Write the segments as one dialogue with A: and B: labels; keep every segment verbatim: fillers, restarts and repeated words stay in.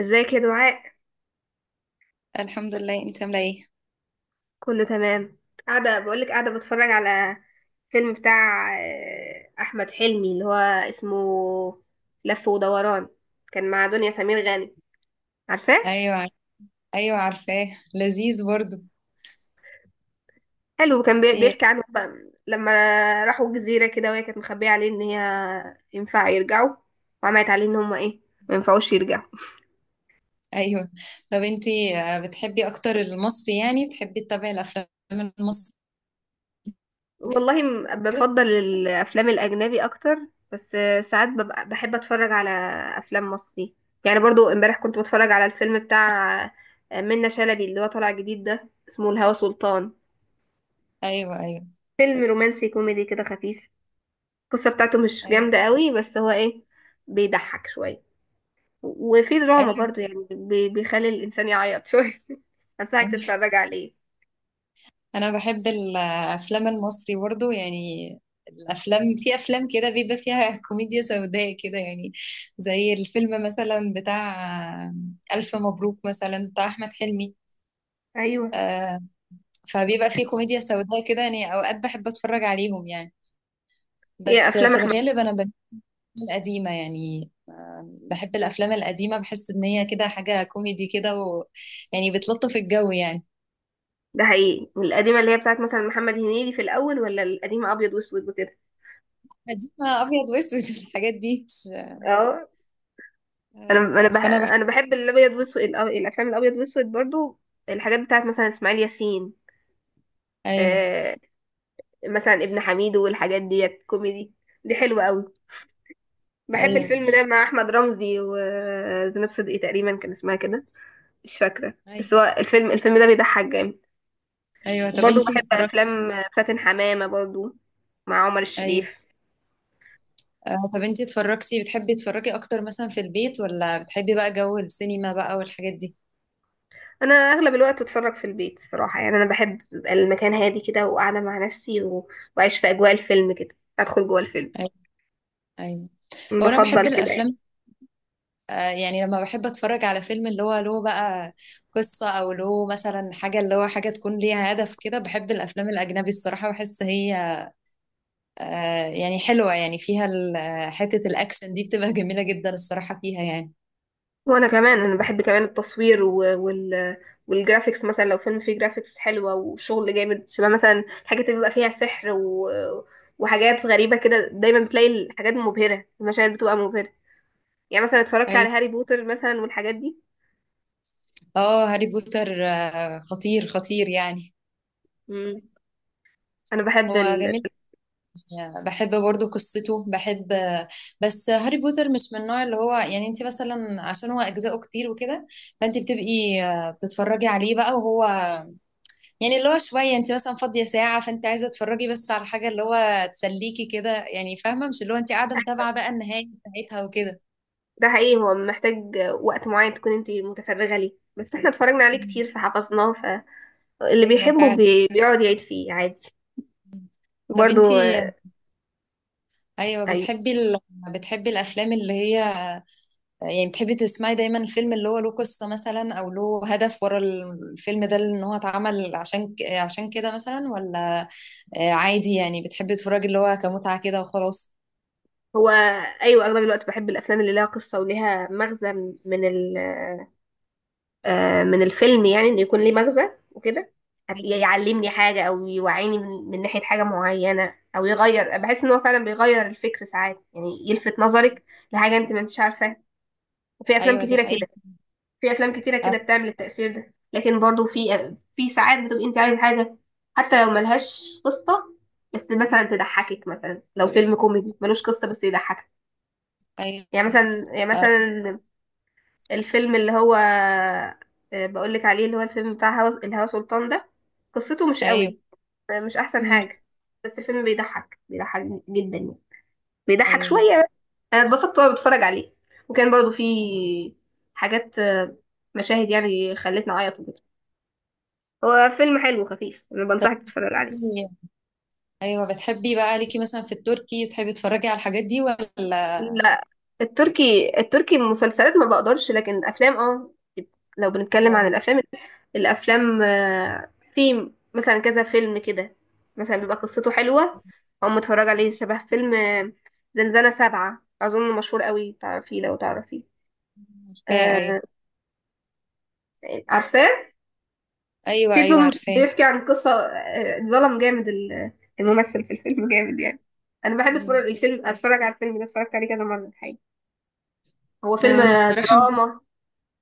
A: ازيك يا دعاء؟
B: الحمد لله. انت عامله ايه؟
A: كله تمام. قاعدة بقولك قاعدة بتفرج على فيلم بتاع آه، أحمد حلمي اللي هو اسمه لف ودوران، كان مع دنيا سمير غانم. عارفاه؟
B: ايوه عار- ايوه عارفاه. لذيذ برضو.
A: حلو. كان بي-
B: انتي
A: بيحكي عنه بقى لما راحوا جزيرة كده، وهي كانت مخبية عليه إن هي ينفع يرجعوا، وعملت عليه إن هما إيه، ما ينفعوش يرجعوا.
B: ايوه. طب انتي، آه، بتحبي اكتر المصري؟ يعني بتحبي تتابعي الافلام المصري
A: والله م-
B: كده؟
A: بفضل الافلام الاجنبي اكتر، بس ساعات ببقى بحب اتفرج على افلام مصري. يعني برضو امبارح كنت بتفرج على الفيلم بتاع منة شلبي اللي هو طالع جديد ده، اسمه الهوى سلطان.
B: ايوه، ايوه،
A: فيلم رومانسي كوميدي كده خفيف. القصة بتاعته مش
B: ايوه،
A: جامدة قوي، بس هو ايه، بيضحك شوية وفي دراما
B: ايوه،
A: برضو. يعني بي- بيخلي الانسان يعيط شوية. انصحك
B: ايوه،
A: تتفرج عليه.
B: انا بحب الافلام المصري برضو يعني. الافلام في افلام كده بيبقى فيها كوميديا سوداء كده يعني، زي الفيلم مثلا بتاع، آه، الف مبروك مثلا بتاع احمد حلمي.
A: ايوه،
B: آه، فبيبقى فيه كوميديا سوداء كده يعني، اوقات بحب اتفرج عليهم يعني.
A: هي
B: بس
A: افلام
B: في
A: احمد.
B: الغالب انا بميل القديمه يعني، بحب الافلام القديمه، بحس ان هي كده حاجه كوميدي كده، و، يعني بتلطف الجو يعني.
A: ده حقيقي، القديمة اللي هي بتاعت مثلا محمد هنيدي في الاول، ولا القديمة ابيض واسود وكده؟
B: قديمه ابيض واسود، الحاجات دي، مش،
A: اه. انا انا
B: آه،
A: بح...
B: فانا بحب.
A: انا بحب الابيض واسود، الأ- الافلام الابيض واسود برضو. الحاجات بتاعت مثلا اسماعيل ياسين،
B: ايوه،
A: آه مثلا ابن حميد والحاجات ديت كوميدي، دي حلوه قوي. بحب
B: ايوه،
A: الفيلم ده مع احمد رمزي وزينب صدقي، تقريبا كان اسمها كده، مش فاكره.
B: ايوه،
A: بس هو الفيلم الفيلم ده بيضحك جامد.
B: ايوه، طب
A: وبرضو
B: انتي
A: بحب
B: اتفرجتي؟
A: افلام فاتن حمامه برضو مع عمر
B: ايوه.
A: الشريف.
B: آه، طب انتي اتفرجتي بتحبي تتفرجي اكتر مثلا في البيت، ولا بتحبي بقى جو السينما بقى والحاجات دي؟
A: انا اغلب الوقت بتفرج في البيت الصراحه، يعني انا بحب يبقى المكان هادي كده وقاعده مع نفسي، و... واعيش في اجواء الفيلم كده، ادخل جوه الفيلم.
B: ايوه، ايوه. هو انا بحب
A: بفضل كده يعني.
B: الافلام، آه، يعني لما بحب اتفرج على فيلم اللي هو له بقى قصة، او له مثلا حاجة، اللي هو حاجة تكون ليها هدف كده. بحب الافلام الاجنبي الصراحة، بحس هي آه، يعني حلوة يعني، فيها ال- آه، حتة الاكشن دي بتبقى جميلة جدا الصراحة فيها يعني.
A: وانا كمان، انا بحب كمان التصوير و- وال والجرافيكس. مثلا لو فيلم فيه جرافيكس حلوه وشغل جامد، شبه مثلا حاجه تبقى فيها سحر و... وحاجات غريبه كده، دايما بتلاقي الحاجات مبهره، المشاهد بتبقى مبهره. يعني مثلا اتفرجت على
B: ايوه.
A: هاري بوتر مثلا والحاجات دي.
B: اه، هاري بوتر آه، خطير خطير يعني.
A: مم. انا بحب
B: هو
A: ال...
B: جميل، يعني بحب برضو قصته، بحب آه، بس هاري بوتر مش من النوع اللي هو، يعني انت مثلا عشان هو اجزاءه كتير وكده، فانت بتبقي آه، بتتفرجي عليه بقى، وهو يعني اللي هو شوية، انت مثلا فاضية ساعة، فانت عايزة تتفرجي بس على حاجة اللي هو تسليكي كده يعني، فاهمة؟ مش اللي هو انت قاعدة متابعة بقى النهاية بتاعتها وكده.
A: ده حقيقي. هو محتاج وقت معين تكون انت متفرغه ليه، بس احنا اتفرجنا عليه كتير فحفظناه، فاللي
B: ايوه
A: بيحبه
B: فعلا.
A: بي... بيقعد يعيد فيه عادي.
B: طب انت،
A: برضو.
B: ايوه
A: آه،
B: بتحبي ال... بتحبي الافلام اللي هي، يعني بتحبي تسمعي دايما الفيلم اللي هو له قصة مثلا، او له هدف ورا الفيلم ده، ان هو اتعمل عشان ك- عشان كده مثلا، ولا آه، عادي يعني بتحبي تتفرجي اللي هو كمتعة كده وخلاص؟
A: هو ايوه، اغلب الوقت بحب الافلام اللي لها قصه وليها مغزى، من ال- آه، من الفيلم، يعني انه يكون ليه مغزى وكده، هت- يعلمني حاجه، او يوعيني من من ناحيه حاجه معينه، او يغير. بحس ان هو فعلا بيغير الفكر ساعات، يعني يلفت نظرك لحاجه انت ما انتش عارفاها. وفي افلام
B: ايوه دي
A: كتيره كده،
B: حقيقة.
A: في افلام كتيره
B: آه،
A: كده بتعمل التاثير ده. لكن برضو في في ساعات بتبقي انت عايزه حاجه حتى لو ملهاش قصه، بس مثلا تضحكك. مثلا لو فيلم كوميدي ملوش قصه بس يضحكك،
B: ايوه.
A: يعني مثلا يعني
B: آه،
A: مثلا الفيلم اللي هو آه، بقولك عليه، اللي هو الفيلم بتاع هوا الهوا سلطان ده، قصته مش
B: ايوه.
A: قوي، آه، مش احسن
B: مم،
A: حاجة، بس الفيلم بيضحك. بيضحك جدا يعني، بيضحك
B: ايوه.
A: شوية بس. انا اتبسطت وانا بتفرج عليه، وكان برضو فيه حاجات، آه، مشاهد يعني خلتني اعيط وكده. هو فيلم حلو وخفيف، انا بنصحك تتفرج عليه.
B: إيه، ايوه، بتحبي بقى ليكي مثلا في التركي، تحبي تتفرجي على الحاجات دي ولا؟
A: لا، التركي، التركي المسلسلات ما بقدرش، لكن الافلام اه لو بنتكلم عن
B: آه،
A: الافلام، الافلام آه، في مثلا كذا فيلم كده مثلا بيبقى قصته حلوه، او متفرج عليه شبه فيلم آه، زنزانة سبعة، اظن مشهور قوي، تعرفيه؟ لو تعرفيه،
B: عارفاه،
A: آه،
B: ايوه،
A: عارفاه.
B: ايوه،
A: في
B: ايوه
A: ظلم،
B: عارفاه.
A: بيحكي عن قصه آه، اتظلم جامد ال- الممثل في الفيلم جامد يعني. انا بحب
B: أيوة.
A: اتفرج الفيلم اتفرج على الفيلم ده، اتفرجت عليه كذا مره الحقيقه. هو فيلم
B: انا
A: آه،
B: الصراحه
A: دراما،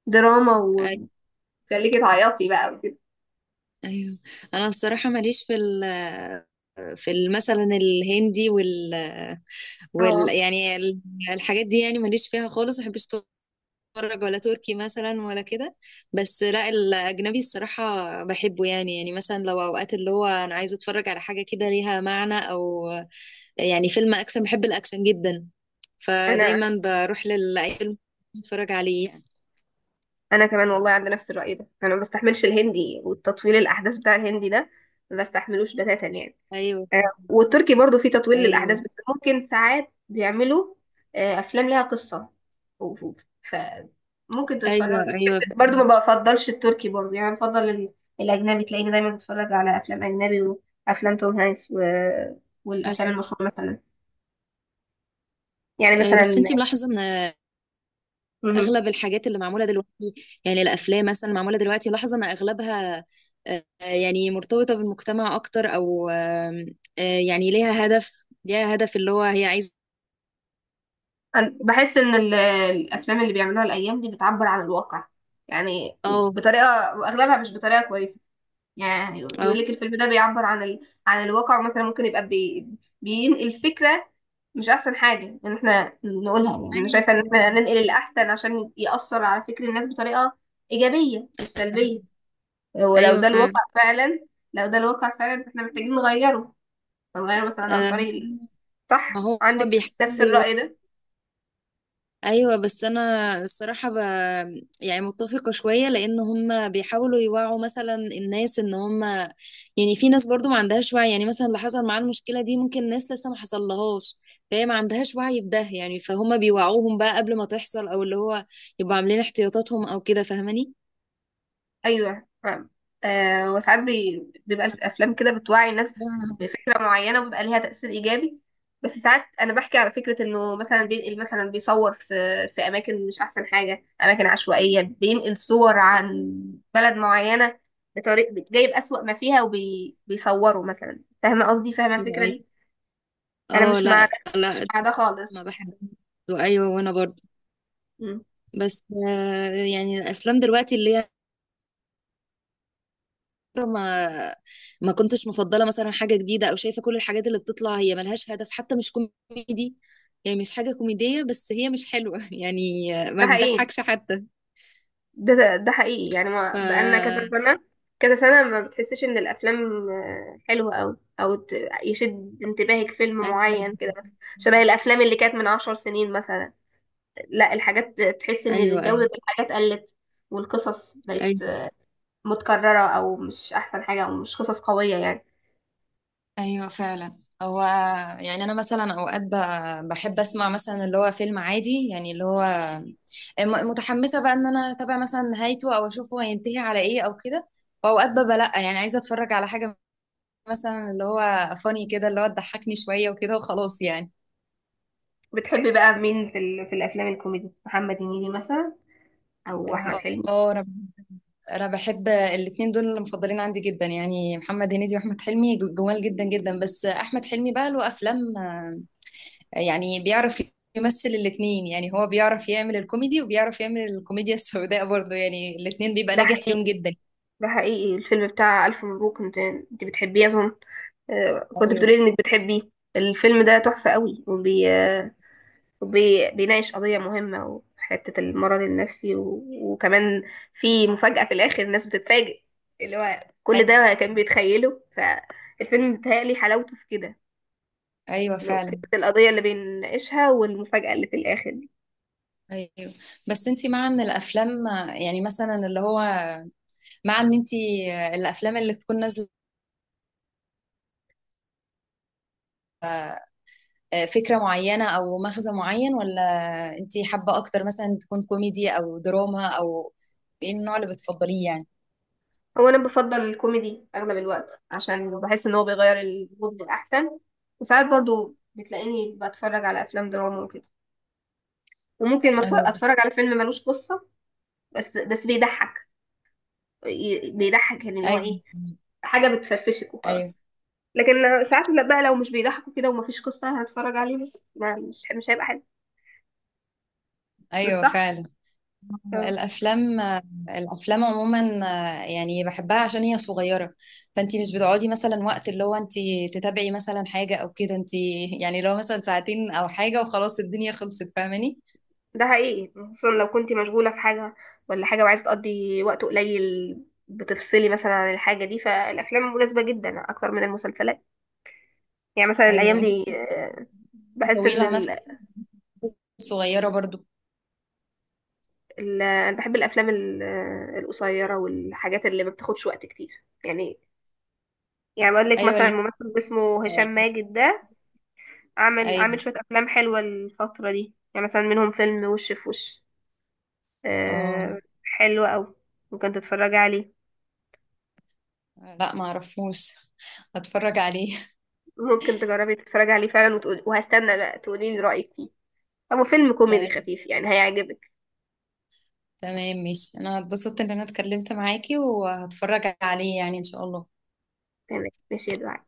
A: دراما،
B: أي-
A: وتخليكي تعيطي بقى وكده.
B: ايوه انا الصراحه ماليش في ال، في ال- مثلا الهندي، وال, وال،
A: اه.
B: يعني ال- الحاجات دي، يعني ماليش فيها خالص، ما بحبش اتفرج، ولا تركي مثلا، ولا كده. بس لا، الاجنبي الصراحه بحبه يعني يعني مثلا لو اوقات اللي هو انا عايزه اتفرج على حاجه كده ليها معنى، او يعني فيلم اكشن، بحب الاكشن جدا،
A: انا
B: فدايما بروح لأي فيلم اتفرج عليه يعني.
A: انا كمان والله عندي نفس الرأي ده، انا ما بستحملش الهندي، والتطويل الاحداث بتاع الهندي ده ما بستحملوش بتاتا يعني.
B: ايوه،
A: آه، والتركي برضو فيه تطويل
B: ايوه،
A: للاحداث، بس ممكن ساعات بيعملوا آه، افلام ليها قصة، و- و- ف ممكن
B: ايوه،
A: تتفرج.
B: ايوه،
A: برضو ما بفضلش التركي برضو، يعني بفضل ال- الاجنبي. تلاقيني دايما بتفرج على افلام اجنبي، وافلام توم هانكس، و... والافلام المشهوره مثلا. يعني
B: أيوة. بس
A: مثلا،
B: انتي ملاحظه ان اغلب الحاجات اللي معموله دلوقتي، يعني الافلام مثلا معموله دلوقتي، ملاحظه ان اغلبها آه، يعني مرتبطه بالمجتمع اكتر، او آم، آه، يعني ليها هدف، ليها هدف اللي هو هي عايزه.
A: أنا بحس إن ال- الأفلام اللي بيعملوها الأيام دي بتعبر عن الواقع، يعني
B: اه،
A: بطريقة، وأغلبها مش بطريقة كويسة. يعني يقول
B: اه،
A: لك الفيلم ده بيعبر عن ال... عن الواقع، مثلا ممكن يبقى بي... بينقل فكرة مش أحسن حاجة إن إحنا نقولها. يعني أنا
B: ايوه،
A: شايفة إن إحنا
B: ايوه،
A: ننقل الأحسن عشان يأثر على فكر الناس بطريقة إيجابية مش سلبية. ولو
B: أيوه
A: ده
B: فعلا.
A: الواقع فعلا، لو ده الواقع فعلا إحنا محتاجين نغيره. فنغيره مثلا عن
B: آه،
A: طريق ال-
B: ما
A: صح؟
B: هو
A: عندك نفس
B: بيحاول.
A: الرأي ده؟
B: ايوه بس انا الصراحه ب... يعني متفقه شويه، لان هم بيحاولوا يوعوا مثلا الناس ان هم، يعني في ناس برضو ما عندهاش وعي، يعني مثلا اللي حصل معاه المشكله دي، ممكن ناس لسه ما حصلهاش، فهي ما عندهاش وعي بده يعني، فهم بيوعوهم بقى قبل ما تحصل، او اللي هو يبقوا عاملين احتياطاتهم او كده، فاهماني؟
A: ايوه فاهم. آه. وساعات بي... بيبقى في افلام كده بتوعي الناس
B: آه.
A: بفكره معينه، وبيبقى ليها تاثير ايجابي. بس ساعات انا بحكي على فكره انه مثلا بينقل، مثلا بيصور في في اماكن مش احسن حاجه، اماكن عشوائيه، بينقل صور عن بلد معينه بطريق جايب اسوأ ما فيها وبيصوره مثلا. فاهمه قصدي؟ فاهمه الفكره
B: ايوه،
A: دي؟ انا
B: اه،
A: مش مع ده،
B: لا،
A: مش
B: لا،
A: مع ده
B: ما
A: خالص.
B: بحبش. ايوه وانا برضو.
A: مم.
B: بس آه، يعني الافلام دلوقتي اللي هي، ما ما كنتش مفضله مثلا حاجه جديده، او شايفه كل الحاجات اللي بتطلع هي ملهاش هدف، حتى مش كوميدي، يعني مش حاجه كوميديه، بس هي مش حلوه، يعني ما
A: ده حقيقي.
B: بتضحكش حتى.
A: ده ده حقيقي يعني
B: ف
A: ما بقالنا كذا سنة، كذا سنة ما بتحسش ان الافلام آه، حلوة اوي، او ت- يشد انتباهك فيلم
B: ايوه،
A: معين كده شبه الافلام اللي كانت من عشر سنين مثلا. لا، الحاجات تحس
B: ايوه،
A: ان جودة
B: ايوه،
A: الحاجات قلت، والقصص بقت
B: ايوه،
A: متكررة او مش احسن حاجة، او مش قصص قوية يعني.
B: ايوه فعلا. هو يعني انا مثلا اوقات ب- بحب اسمع مثلا اللي هو فيلم عادي يعني، اللي هو م- متحمسه بقى ان انا اتابع مثلا نهايته، او اشوفه هينتهي على ايه او كده. واوقات ببقى لا، يعني عايزه اتفرج على حاجه مثلا اللي هو فاني كده، اللي هو تضحكني شوية وكده وخلاص يعني.
A: بتحبي بقى مين في, ال... في الافلام الكوميدي، محمد هنيدي مثلا او احمد
B: اه،
A: حلمي؟
B: آه، انا انا بحب الاتنين دول، اللي مفضلين عندي جدا يعني، محمد هنيدي واحمد حلمي، جو- جمال جدا جدا. بس احمد حلمي بقى له افلام، آه، يعني بيعرف يمثل الاتنين يعني. هو بيعرف يعمل الكوميدي، وبيعرف يعمل الكوميديا السوداء برضه، يعني الاتنين بيبقى
A: ده
B: ناجح فيهم
A: حقيقي،
B: جدا.
A: ده حقيقي. الفيلم بتاع الف مبروك، انت انت بتحبيه اظن. آه، كنت
B: ايوه،
A: بتقولي انك بتحبي الفيلم ده، تحفة قوي. وبي... آه، وبي... بيناقش قضية مهمة، وحتة المرض النفسي، و... وكمان في مفاجأة في الآخر الناس بتتفاجئ، اللي هو كل
B: ايوه،
A: ده كان بيتخيله. فالفيلم بيتهيألي حلاوته في كده،
B: ايوه
A: إنه فكرة
B: فعلا،
A: القضية اللي بيناقشها والمفاجأة اللي في الآخر دي.
B: ايوه. بس انت، مع ان الافلام، آه، يعني مثلا اللي هو، مع ان انت، آه، الافلام اللي تكون نازله آه، فكرة معينة أو مغزى معين، ولا أنتي حابة أكتر مثلا تكون كوميدي أو دراما، أو إيه النوع اللي بتفضليه يعني؟
A: هو أنا بفضل الكوميدي أغلب الوقت، عشان بحس إن هو بيغير المود للأحسن. وساعات برضو بتلاقيني بتفرج على أفلام دراما وكده، وممكن ما أتف-
B: أيوه،
A: اتفرج على فيلم ملوش قصة، بس بس بيضحك، ي- بيضحك، يعني اللي هو
B: أيوه،
A: ايه، حاجة بتفرفشك وخلاص.
B: أيوه،
A: لكن لو- ساعات لا بقى، لو مش بيضحكوا كده ومفيش قصة، أنا هتفرج عليه بس ما، مش مش هيبقى حلو. مش
B: أيوه
A: صح؟
B: فعلا.
A: اه.
B: الأفلام، الأفلام عموما، آه، يعني بحبها عشان هي صغيرة، فأنتي مش بتقعدي مثلا وقت اللي هو أنتي تتابعي مثلا حاجة أو كده. أنتي يعني لو مثلا ساعتين أو حاجة وخلاص الدنيا خلصت، فاهماني؟
A: ده حقيقي، خصوصا لو كنت مشغولة في حاجة ولا حاجة وعايزة تقضي وقت قليل، بتفصلي مثلا عن الحاجة دي. فالأفلام مناسبة جدا أكتر من المسلسلات. يعني مثلا
B: أيوه
A: الأيام
B: أنتي،
A: دي، آه، بحس إن
B: طويلة مثلا،
A: ال...
B: صغيرة برضو.
A: ال... أنا بحب الأفلام ال- آه، القصيرة والحاجات اللي ما بتاخدش وقت كتير يعني. يعني بقول لك
B: أيوه
A: مثلا
B: اللي
A: ممثل اسمه هشام
B: هي-
A: ماجد ده، عامل
B: أيوه،
A: عامل شوية افلام حلوة الفترة دي، يعني مثلا منهم فيلم وش في وش.
B: اه،
A: آه حلو قوي. ممكن تتفرجي عليه،
B: لا ما اعرفوش، هتفرج عليه.
A: ممكن تجربي تتفرجي عليه فعلا وتقولي، وهستنى بقى تقولي لي رأيك فيه. هو فيلم كوميدي خفيف يعني هيعجبك.
B: تمام ماشي، انا اتبسطت ان انا اتكلمت معاكي، وهتفرج عليه يعني ان شاء الله.
A: تمام، ماشي يا دعاء.